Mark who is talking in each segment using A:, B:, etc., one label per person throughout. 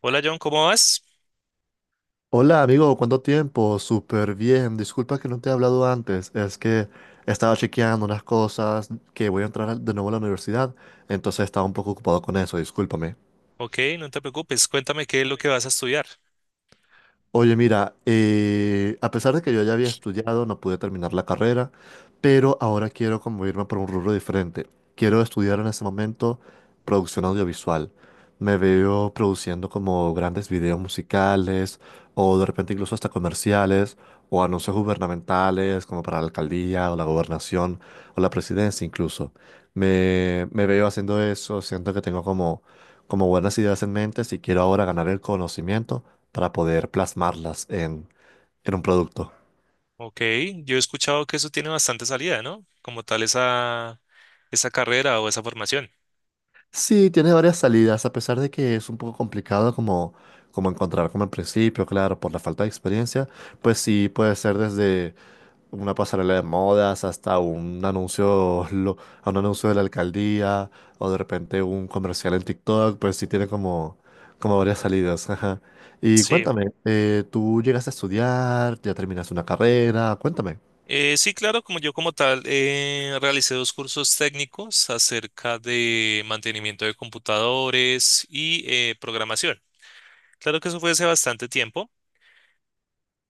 A: Hola John, ¿cómo vas?
B: Hola amigo, ¿cuánto tiempo? Súper bien. Disculpa que no te he hablado antes. Es que estaba chequeando unas cosas que voy a entrar de nuevo a la universidad, entonces estaba un poco ocupado con eso, discúlpame.
A: Ok, no te preocupes, cuéntame qué es lo que vas a estudiar.
B: Oye, mira, a pesar de que yo ya había estudiado, no pude terminar la carrera, pero ahora quiero como irme por un rubro diferente. Quiero estudiar en este momento producción audiovisual. Me veo produciendo como grandes videos musicales o de repente incluso hasta comerciales o anuncios gubernamentales como para la alcaldía o la gobernación o la presidencia incluso. Me veo haciendo eso, siento que tengo como buenas ideas en mente si quiero ahora ganar el conocimiento para poder plasmarlas en un producto.
A: Ok, yo he escuchado que eso tiene bastante salida, ¿no? Como tal esa, esa carrera o esa formación.
B: Sí, tiene varias salidas, a pesar de que es un poco complicado como encontrar como al principio, claro, por la falta de experiencia, pues sí, puede ser desde una pasarela de modas hasta un anuncio, a un anuncio de la alcaldía o de repente un comercial en TikTok, pues sí tiene como varias salidas. Ajá. Y
A: Sí,
B: cuéntame, ¿tú llegas a estudiar? ¿Ya terminas una carrera? Cuéntame.
A: Sí, claro, como yo como tal realicé dos cursos técnicos acerca de mantenimiento de computadores y programación. Claro que eso fue hace bastante tiempo.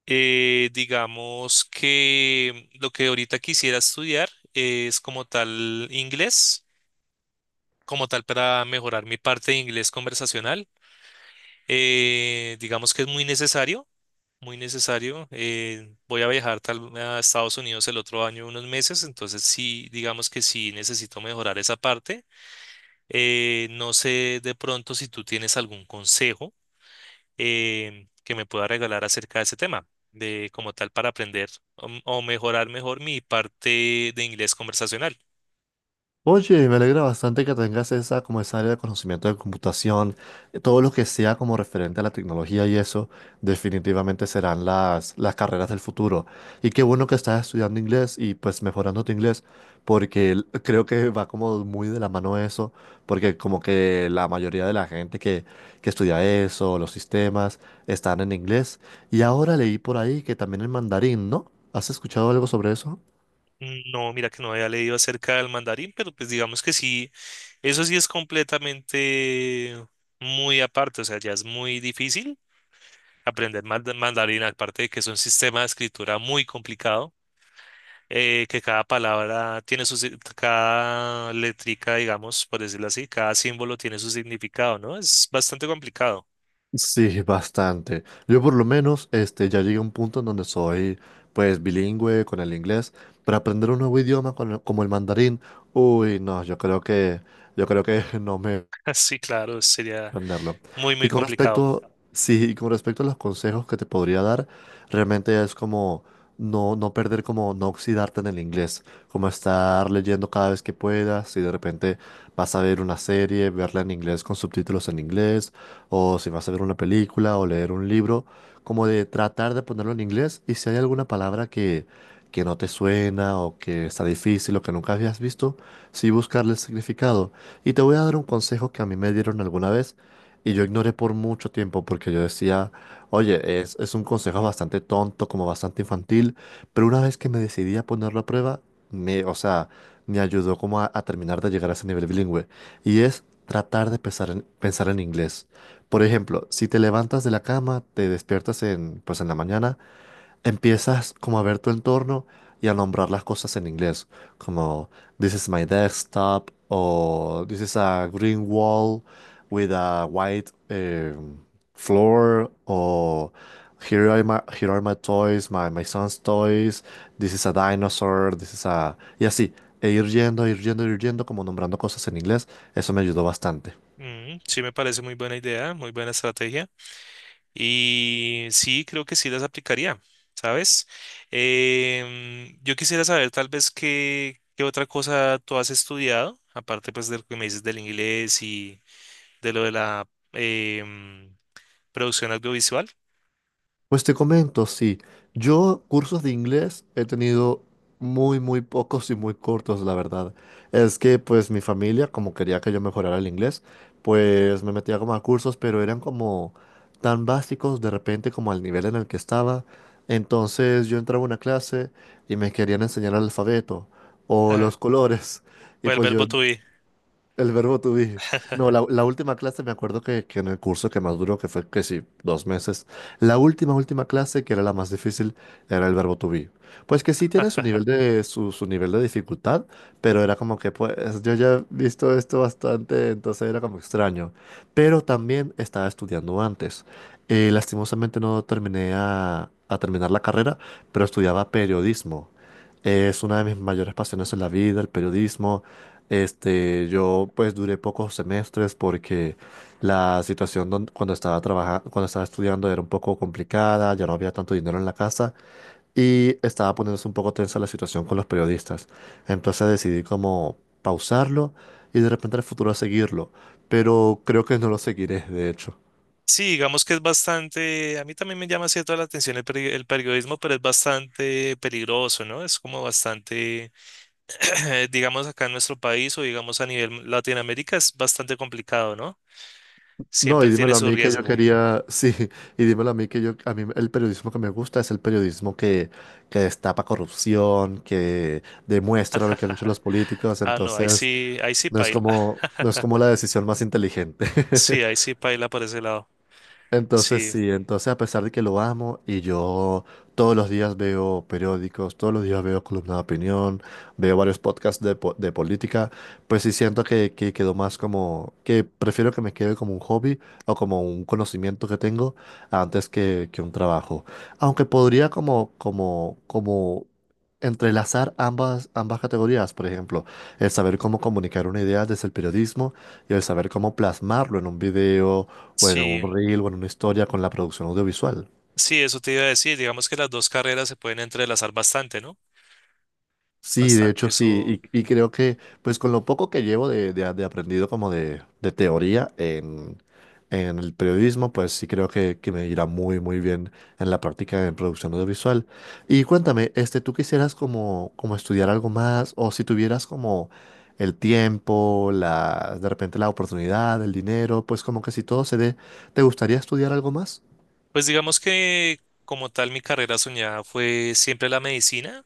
A: Digamos que lo que ahorita quisiera estudiar es como tal inglés como tal para mejorar mi parte de inglés conversacional. Digamos que es muy necesario, muy necesario. Voy a viajar tal, a Estados Unidos el otro año unos meses, entonces sí, digamos que sí necesito mejorar esa parte. No sé de pronto si tú tienes algún consejo que me pueda regalar acerca de ese tema, de como tal para aprender o, mejorar mejor mi parte de inglés conversacional.
B: Oye, me alegra bastante que tengas esa, como esa área de conocimiento de computación, todo lo que sea como referente a la tecnología y eso, definitivamente serán las carreras del futuro. Y qué bueno que estás estudiando inglés y pues mejorando tu inglés, porque creo que va como muy de la mano eso, porque como que la mayoría de la gente que estudia eso, los sistemas, están en inglés. Y ahora leí por ahí que también el mandarín, ¿no? ¿Has escuchado algo sobre eso?
A: No, mira que no había leído acerca del mandarín, pero pues digamos que sí. Eso sí es completamente muy aparte, o sea, ya es muy difícil aprender mandarín, aparte de que es un sistema de escritura muy complicado, que cada palabra tiene su, cada letrica, digamos, por decirlo así, cada símbolo tiene su significado, ¿no? Es bastante complicado.
B: Sí, bastante. Yo por lo menos este, ya llegué a un punto en donde soy pues bilingüe con el inglés, pero aprender un nuevo idioma con como el mandarín, uy, no, yo creo que no me
A: Sí, claro, sería
B: aprenderlo.
A: muy,
B: Y
A: muy
B: con
A: complicado.
B: respecto, sí, y con respecto a los consejos que te podría dar, realmente es como no perder, como no oxidarte en el inglés, como estar leyendo cada vez que puedas, y de repente vas a ver una serie, verla en inglés con subtítulos en inglés, o si vas a ver una película o leer un libro, como de tratar de ponerlo en inglés, y si hay alguna palabra que no te suena o que está difícil o que nunca habías visto, sí buscarle el significado. Y te voy a dar un consejo que a mí me dieron alguna vez y yo ignoré por mucho tiempo porque yo decía, oye, es un consejo bastante tonto, como bastante infantil, pero una vez que me decidí a ponerlo a prueba, me, o sea, me ayudó como a terminar de llegar a ese nivel bilingüe. Y es tratar de pensar en, pensar en inglés. Por ejemplo, si te levantas de la cama, te despiertas pues en la mañana empiezas como a ver tu entorno y a nombrar las cosas en inglés, como This is my desktop, o This is a green wall with a white floor, o here are my toys, my son's toys, this is a dinosaur, this is a... Y así, e ir yendo, ir yendo, ir yendo, como nombrando cosas en inglés, eso me ayudó bastante.
A: Mm, sí, me parece muy buena idea, muy buena estrategia. Y sí, creo que sí las aplicaría, ¿sabes? Em, yo quisiera saber tal vez qué, qué otra cosa tú has estudiado, aparte pues de lo que me dices del inglés y de lo de la producción audiovisual.
B: Pues te comento, sí. Yo cursos de inglés he tenido muy, muy pocos y muy cortos, la verdad. Es que pues mi familia, como quería que yo mejorara el inglés, pues me metía como a cursos, pero eran como tan básicos de repente como al nivel en el que estaba. Entonces yo entraba a una clase y me querían enseñar el alfabeto o
A: Ajá.
B: los colores. Y
A: O el
B: pues
A: verbo
B: yo
A: to be.
B: el verbo to be. No, la última clase me acuerdo que en el curso que más duró, que fue que sí, dos meses, la última clase, que era la más difícil, era el verbo to be. Pues que sí tiene su nivel de, su nivel de dificultad, pero era como que pues yo ya he visto esto bastante, entonces era como extraño. Pero también estaba estudiando antes. Lastimosamente no terminé a terminar la carrera, pero estudiaba periodismo. Es una de mis mayores pasiones en la vida, el periodismo. Este, yo pues duré pocos semestres porque la situación cuando estaba trabajando, cuando estaba estudiando era un poco complicada, ya no había tanto dinero en la casa y estaba poniéndose un poco tensa la situación con los periodistas. Entonces decidí como pausarlo y de repente en el futuro seguirlo, pero creo que no lo seguiré, de hecho.
A: Sí, digamos que es bastante, a mí también me llama cierto la atención el, el periodismo, pero es bastante peligroso, ¿no? Es como bastante, digamos acá en nuestro país o digamos a nivel Latinoamérica es bastante complicado, ¿no?
B: No, y
A: Siempre tiene
B: dímelo a
A: su
B: mí que yo
A: riesgo.
B: quería, sí, y dímelo a mí que yo, a mí el periodismo que me gusta es el periodismo que destapa corrupción, que demuestra lo que han hecho los políticos,
A: Ah, no,
B: entonces
A: ahí sí
B: no es
A: paila.
B: como, no es como la decisión más inteligente.
A: Sí, ahí sí paila por ese lado.
B: Entonces
A: Sí,
B: sí, entonces a pesar de que lo amo y yo todos los días veo periódicos, todos los días veo columna de opinión, veo varios podcasts de, de política, pues sí siento que quedó más como, que prefiero que me quede como un hobby o como un conocimiento que tengo antes que un trabajo. Aunque podría como entrelazar ambas categorías, por ejemplo, el saber cómo comunicar una idea desde el periodismo y el saber cómo plasmarlo en un video, bueno, un
A: sí,
B: reel, bueno, una historia con la producción audiovisual.
A: sí, eso te iba a decir. Digamos que las dos carreras se pueden entrelazar bastante, ¿no?
B: Sí, de
A: Bastante,
B: hecho sí,
A: eso.
B: y creo que pues con lo poco que llevo de, de aprendido como de teoría en el periodismo, pues sí creo que me irá muy muy bien en la práctica en producción audiovisual. Y cuéntame, este, ¿tú quisieras como estudiar algo más, o si tuvieras como el tiempo, la, de repente la oportunidad, el dinero, pues como que si todo se dé, ¿te gustaría estudiar algo más?
A: Pues digamos que como tal mi carrera soñada fue siempre la medicina,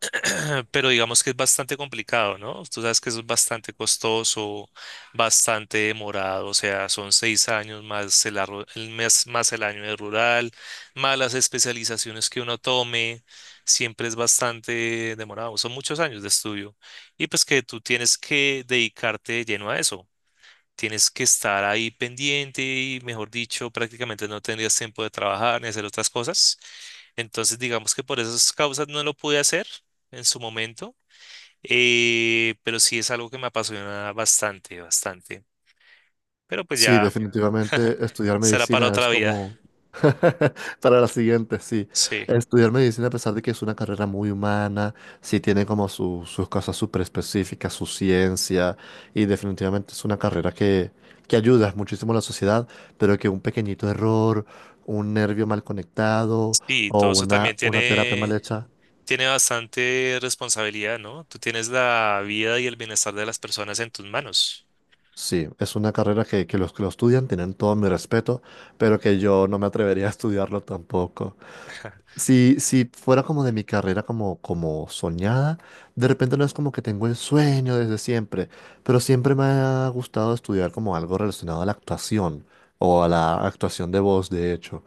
A: pero digamos que es bastante complicado, ¿no? Tú sabes que eso es bastante costoso, bastante demorado, o sea, son 6 años más el, el mes, más el año de rural, más las especializaciones que uno tome, siempre es bastante demorado, son muchos años de estudio y pues que tú tienes que dedicarte de lleno a eso. Tienes que estar ahí pendiente y, mejor dicho, prácticamente no tendrías tiempo de trabajar ni hacer otras cosas. Entonces, digamos que por esas causas no lo pude hacer en su momento, pero sí es algo que me apasiona bastante, bastante. Pero pues
B: Sí,
A: ya
B: definitivamente estudiar
A: será para
B: medicina es
A: otra vida.
B: como para la siguiente, sí.
A: Sí,
B: Estudiar medicina, a pesar de que es una carrera muy humana, sí tiene como sus cosas súper específicas, su ciencia, y definitivamente es una carrera que ayuda muchísimo a la sociedad, pero que un pequeñito error, un nervio mal conectado
A: sí,
B: o
A: todo eso también
B: una terapia mal
A: tiene,
B: hecha,
A: tiene bastante responsabilidad, ¿no? Tú tienes la vida y el bienestar de las personas en tus manos.
B: sí, es una carrera que los que lo estudian tienen todo mi respeto, pero que yo no me atrevería a estudiarlo tampoco. Si fuera como de mi carrera como soñada, de repente no es como que tengo el sueño desde siempre, pero siempre me ha gustado estudiar como algo relacionado a la actuación o a la actuación de voz, de hecho.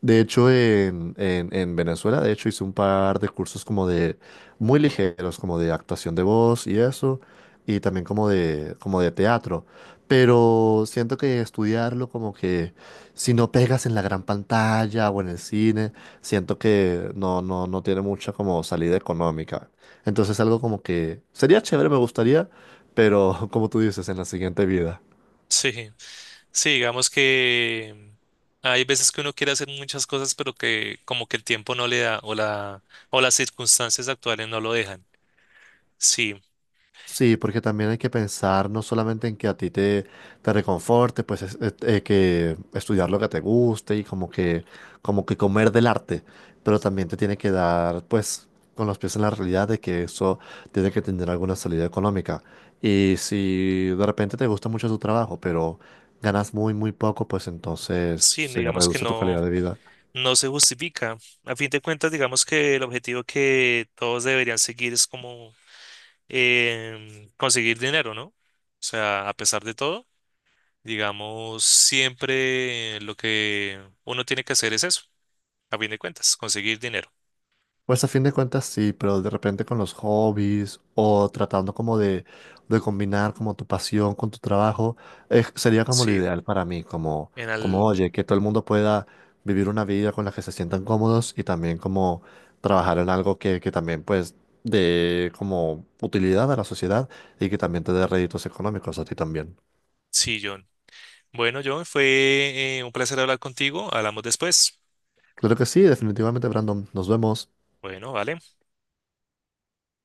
B: De hecho, en, en Venezuela, de hecho, hice un par de cursos como de muy ligeros, como de actuación de voz y eso, y también como de teatro. Pero siento que estudiarlo como que si no pegas en la gran pantalla o en el cine, siento que no tiene mucha como salida económica. Entonces algo como que sería chévere, me gustaría, pero como tú dices, en la siguiente vida.
A: Sí. Sí, digamos que hay veces que uno quiere hacer muchas cosas, pero que como que el tiempo no le da o la o las circunstancias actuales no lo dejan. Sí,
B: Sí, porque también hay que pensar no solamente en que a ti te reconforte, pues que estudiar lo que te guste y como que comer del arte, pero también te tiene que dar pues con los pies en la realidad de que eso tiene que tener alguna salida económica. Y si de repente te gusta mucho tu trabajo, pero ganas muy, muy poco, pues entonces
A: sí,
B: se
A: digamos que
B: reduce tu
A: no
B: calidad de vida.
A: no se justifica. A fin de cuentas, digamos que el objetivo que todos deberían seguir es como conseguir dinero, ¿no? O sea, a pesar de todo, digamos, siempre lo que uno tiene que hacer es eso, a fin de cuentas, conseguir dinero.
B: Pues a fin de cuentas sí, pero de repente con los hobbies o tratando como de combinar como tu pasión con tu trabajo, sería como lo
A: Sí,
B: ideal para mí, como,
A: en
B: como
A: al
B: oye, que todo el mundo pueda vivir una vida con la que se sientan cómodos y también como trabajar en algo que también pues de como utilidad a la sociedad y que también te dé réditos económicos a ti también.
A: sí, John. Bueno, John, fue un placer hablar contigo. Hablamos después.
B: Claro que sí, definitivamente, Brandon. Nos vemos.
A: Bueno, vale.